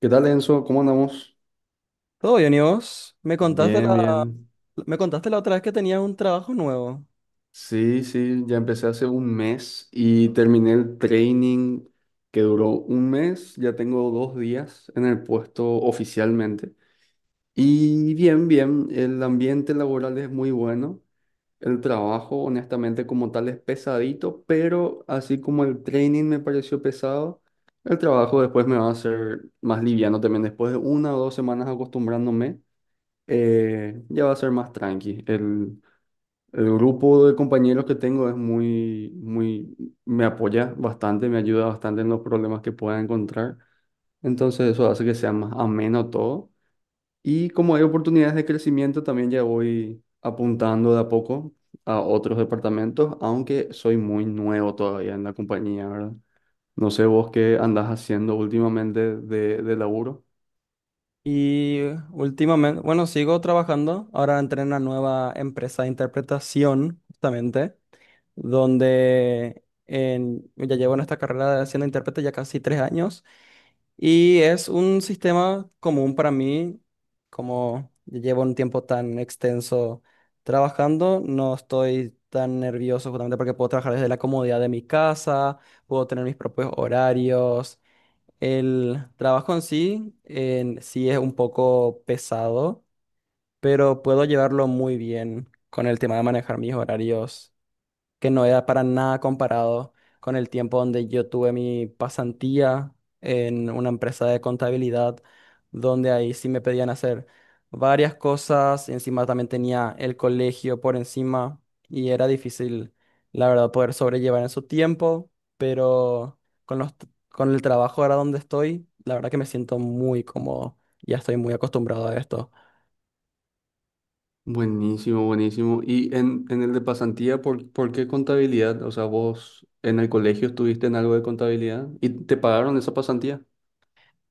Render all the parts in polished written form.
¿Qué tal, Enzo? ¿Cómo andamos? Todo bien, ¿y vos? Bien, bien. Me contaste la otra vez que tenías un trabajo nuevo. Sí, sí, ya empecé hace un mes y terminé el training que duró un mes. Ya tengo 2 días en el puesto oficialmente. Y bien, bien, el ambiente laboral es muy bueno. El trabajo, honestamente, como tal, es pesadito, pero así como el training me pareció pesado, el trabajo después me va a hacer más liviano también. Después de una o dos semanas acostumbrándome. Ya va a ser más tranqui. El grupo de compañeros que tengo es me apoya bastante, me ayuda bastante en los problemas que pueda encontrar. Entonces eso hace que sea más ameno todo. Y como hay oportunidades de crecimiento, también ya voy apuntando de a poco a otros departamentos, aunque soy muy nuevo todavía en la compañía, ¿verdad? No sé vos qué andás haciendo últimamente de laburo. Y últimamente, bueno, sigo trabajando. Ahora entré en una nueva empresa de interpretación, justamente, donde ya llevo en esta carrera de siendo intérprete ya casi 3 años. Y es un sistema común para mí, como llevo un tiempo tan extenso trabajando, no estoy tan nervioso justamente porque puedo trabajar desde la comodidad de mi casa, puedo tener mis propios horarios. El trabajo en sí es un poco pesado, pero puedo llevarlo muy bien con el tema de manejar mis horarios que no era para nada comparado con el tiempo donde yo tuve mi pasantía en una empresa de contabilidad, donde ahí sí me pedían hacer varias cosas, y encima también tenía el colegio por encima y era difícil, la verdad, poder sobrellevar en su tiempo, pero con el trabajo ahora donde estoy, la verdad que me siento muy cómodo, ya estoy muy acostumbrado a esto. Buenísimo, buenísimo. Y en el de pasantía, ¿por qué contabilidad? O sea, vos en el colegio estuviste en algo de contabilidad y te pagaron esa pasantía.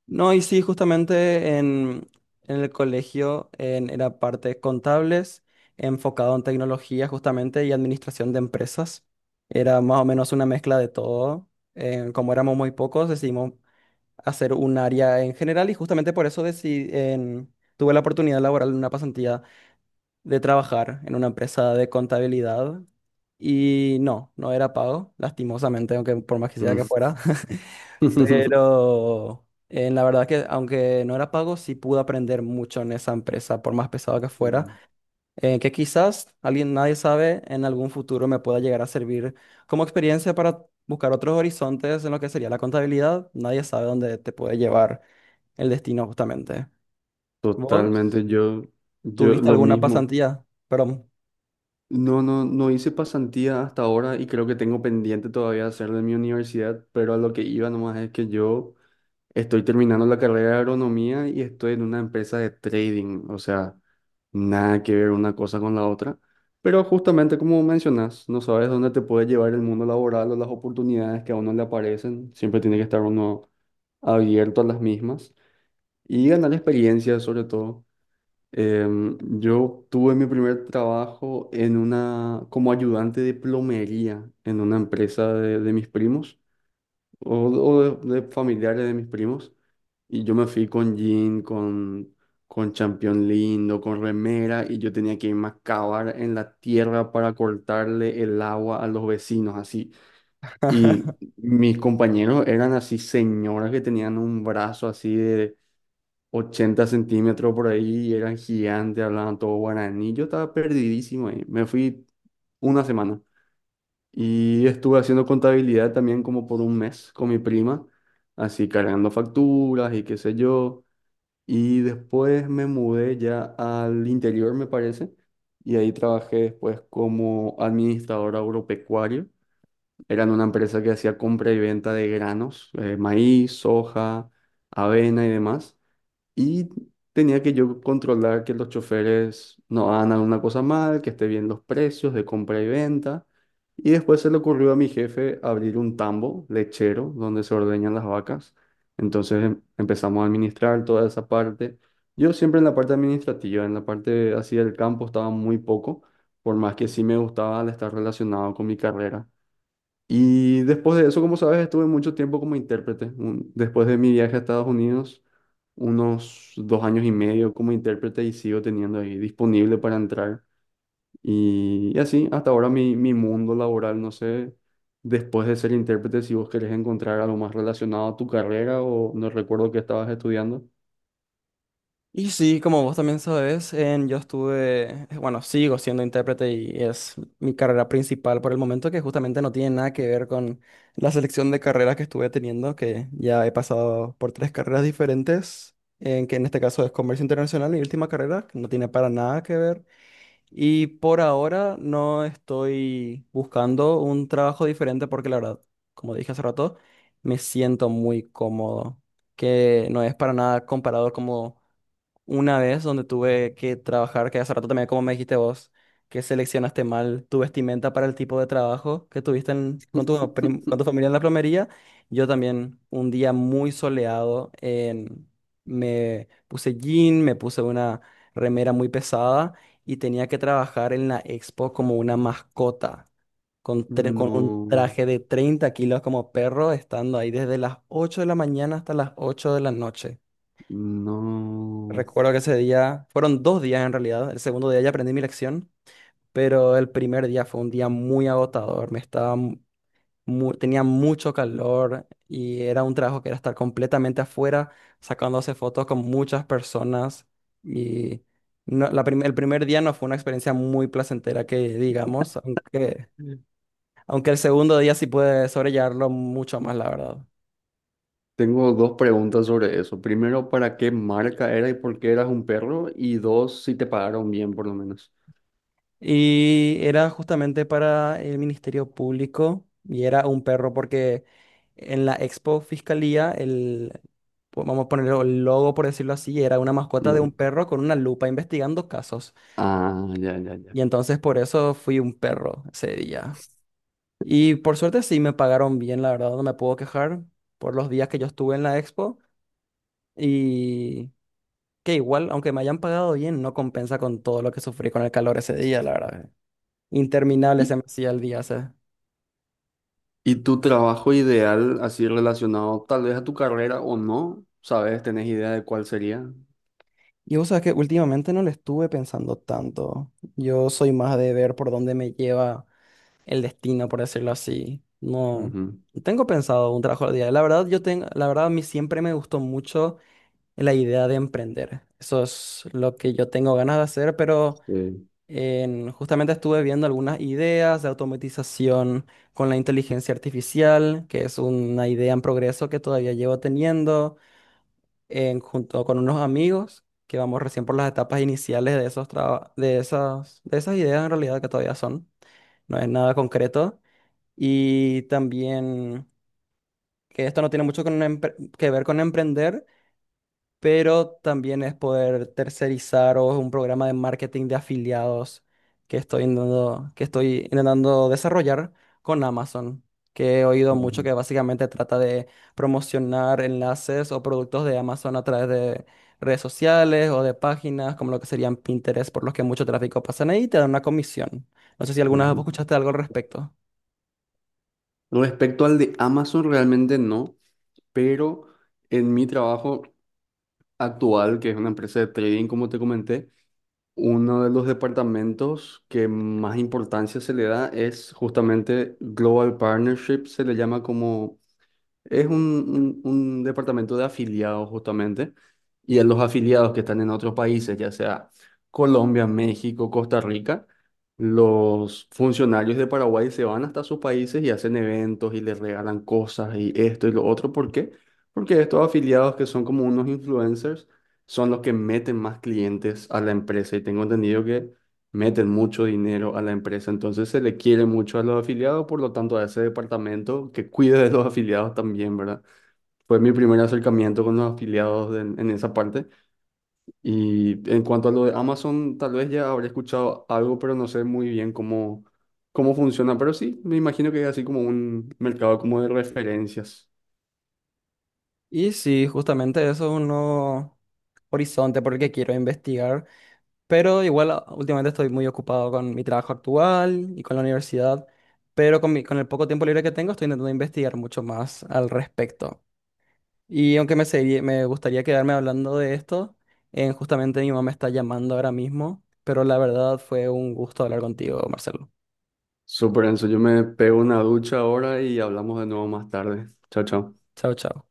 No, y sí, en el colegio era parte contables, enfocado en tecnología justamente y administración de empresas. Era más o menos una mezcla de todo. Como éramos muy pocos, decidimos hacer un área en general y justamente por eso tuve la oportunidad laboral en una pasantía de trabajar en una empresa de contabilidad. Y no, no era pago, lastimosamente, aunque por más quisiera que Mm. fuera. Pero la verdad que aunque no era pago, sí pude aprender mucho en esa empresa, por más pesado que fuera, Mm. Que quizás alguien, nadie sabe, en algún futuro me pueda llegar a servir como experiencia para buscar otros horizontes en lo que sería la contabilidad. Nadie sabe dónde te puede llevar el destino justamente. ¿Vos Totalmente, yo tuviste lo alguna mismo. pasantía? Perdón. No, no, no hice pasantía hasta ahora y creo que tengo pendiente todavía hacer de mi universidad, pero a lo que iba nomás es que yo estoy terminando la carrera de agronomía y estoy en una empresa de trading, o sea, nada que ver una cosa con la otra. Pero justamente como mencionas, no sabes dónde te puede llevar el mundo laboral o las oportunidades que a uno le aparecen. Siempre tiene que estar uno abierto a las mismas y ganar experiencia sobre todo. Yo tuve mi primer trabajo en una, como ayudante de plomería en una empresa de mis primos o, o de familiares de mis primos. Y yo me fui con jean, con champión lindo, con remera, y yo tenía que irme a cavar en la tierra para cortarle el agua a los vecinos, así. Y mis compañeros eran así señoras que tenían un brazo así de 80 centímetros por ahí, y eran gigantes, hablaban todo guaraní. Yo estaba perdidísimo ahí. Me fui una semana. Y estuve haciendo contabilidad también como por un mes con mi prima, así cargando facturas y qué sé yo. Y después me mudé ya al interior, me parece, y ahí trabajé después como administrador agropecuario. Eran una empresa que hacía compra y venta de granos, maíz, soja, avena y demás. Y tenía que yo controlar que los choferes no hagan alguna cosa mal, que esté bien los precios de compra y venta. Y después se le ocurrió a mi jefe abrir un tambo lechero donde se ordeñan las vacas. Entonces empezamos a administrar toda esa parte. Yo siempre en la parte administrativa, en la parte así del campo estaba muy poco, por más que sí me gustaba al estar relacionado con mi carrera. Y después de eso, como sabes, estuve mucho tiempo como intérprete. Después de mi viaje a Estados Unidos, unos 2 años y medio como intérprete y sigo teniendo ahí disponible para entrar. Y así, hasta ahora mi mundo laboral, no sé, después de ser intérprete, si vos querés encontrar algo más relacionado a tu carrera o no recuerdo qué estabas estudiando. Y sí, como vos también sabes, yo estuve, bueno, sigo siendo intérprete y es mi carrera principal por el momento, que justamente no tiene nada que ver con la selección de carreras que estuve teniendo, que ya he pasado por tres carreras diferentes, en que en este caso es comercio internacional, mi última carrera, que no tiene para nada que ver. Y por ahora no estoy buscando un trabajo diferente porque la verdad, como dije hace rato, me siento muy cómodo, que no es para nada comparado como una vez donde tuve que trabajar, que hace rato también, como me dijiste vos, que seleccionaste mal tu vestimenta para el tipo de trabajo que tuviste con tu familia en la plomería. Yo también, un día muy soleado, me puse jean, me puse una remera muy pesada y tenía que trabajar en la expo como una mascota. Con un No, traje de 30 kilos como perro, estando ahí desde las 8 de la mañana hasta las 8 de la noche. no. Recuerdo que ese día, fueron 2 días en realidad, el segundo día ya aprendí mi lección, pero el primer día fue un día muy agotador, me estaba tenía mucho calor y era un trabajo que era estar completamente afuera, sacándose fotos con muchas personas y el primer día no fue una experiencia muy placentera que digamos, aunque el segundo día sí pude sobrellevarlo mucho más, la verdad. Tengo dos preguntas sobre eso. Primero, ¿para qué marca era y por qué eras un perro? Y dos, si te pagaron bien, por lo menos. Y era justamente para el Ministerio Público y era un perro porque en la Expo Fiscalía, vamos a ponerlo el logo por decirlo así, era una Y mascota de un bueno, perro con una lupa investigando casos. ah, ya, ya, ya. Y entonces por eso fui un perro ese día. Y por suerte sí me pagaron bien, la verdad, no me puedo quejar por los días que yo estuve en la Expo y que igual, aunque me hayan pagado bien, no compensa con todo lo que sufrí con el calor ese día, la verdad. Interminable ¿Y, se me hacía el día ese. y tu trabajo ideal, así relacionado tal vez a tu carrera o no? ¿Sabes? ¿Tenés idea de cuál sería? Y vos sabés que últimamente no le estuve pensando tanto. Yo soy más de ver por dónde me lleva el destino, por decirlo así. No, Ujú, no tengo pensado un trabajo al día. La verdad, yo tengo, la verdad, a mí siempre me gustó mucho la idea de emprender. Eso es lo que yo tengo ganas de hacer, pero sí, justamente estuve viendo algunas ideas de automatización con la inteligencia artificial, que es una idea en progreso que todavía llevo teniendo junto con unos amigos que vamos recién por las etapas iniciales de esos de esas ideas en realidad que todavía son, no es nada concreto. Y también que esto no tiene mucho con que ver con emprender, pero también es poder tercerizar o es un programa de marketing de afiliados que estoy intentando desarrollar con Amazon, que he oído mucho ujú, que básicamente trata de promocionar enlaces o productos de Amazon a través de redes sociales o de páginas, como lo que serían Pinterest, por los que mucho tráfico pasan ahí y te dan una comisión. No sé si alguna vez vos ujú. escuchaste algo al respecto. Respecto al de Amazon, realmente no, pero en mi trabajo actual, que es una empresa de trading, como te comenté, uno de los departamentos que más importancia se le da es justamente Global Partnership, se le llama como es un departamento de afiliados justamente, y a los afiliados que están en otros países, ya sea Colombia, México, Costa Rica, los funcionarios de Paraguay se van hasta sus países y hacen eventos y les regalan cosas y esto y lo otro. ¿Por qué? Porque estos afiliados que son como unos influencers son los que meten más clientes a la empresa y tengo entendido que meten mucho dinero a la empresa, entonces se le quiere mucho a los afiliados, por lo tanto a ese departamento que cuide de los afiliados también, ¿verdad? Fue mi primer acercamiento con los afiliados en esa parte. Y en cuanto a lo de Amazon, tal vez ya habré escuchado algo, pero no sé muy bien cómo, cómo funciona. Pero sí, me imagino que es así como un mercado como de referencias. Y sí, justamente eso es uno horizonte por el que quiero investigar. Pero igual últimamente estoy muy ocupado con mi trabajo actual y con la universidad, pero con con el poco tiempo libre que tengo estoy intentando investigar mucho más al respecto. Y aunque me gustaría quedarme hablando de esto, justamente mi mamá me está llamando ahora mismo, pero la verdad fue un gusto hablar contigo, Marcelo. Súper, Enzo, yo me pego una ducha ahora y hablamos de nuevo más tarde. Chao, chao. Chao, chao.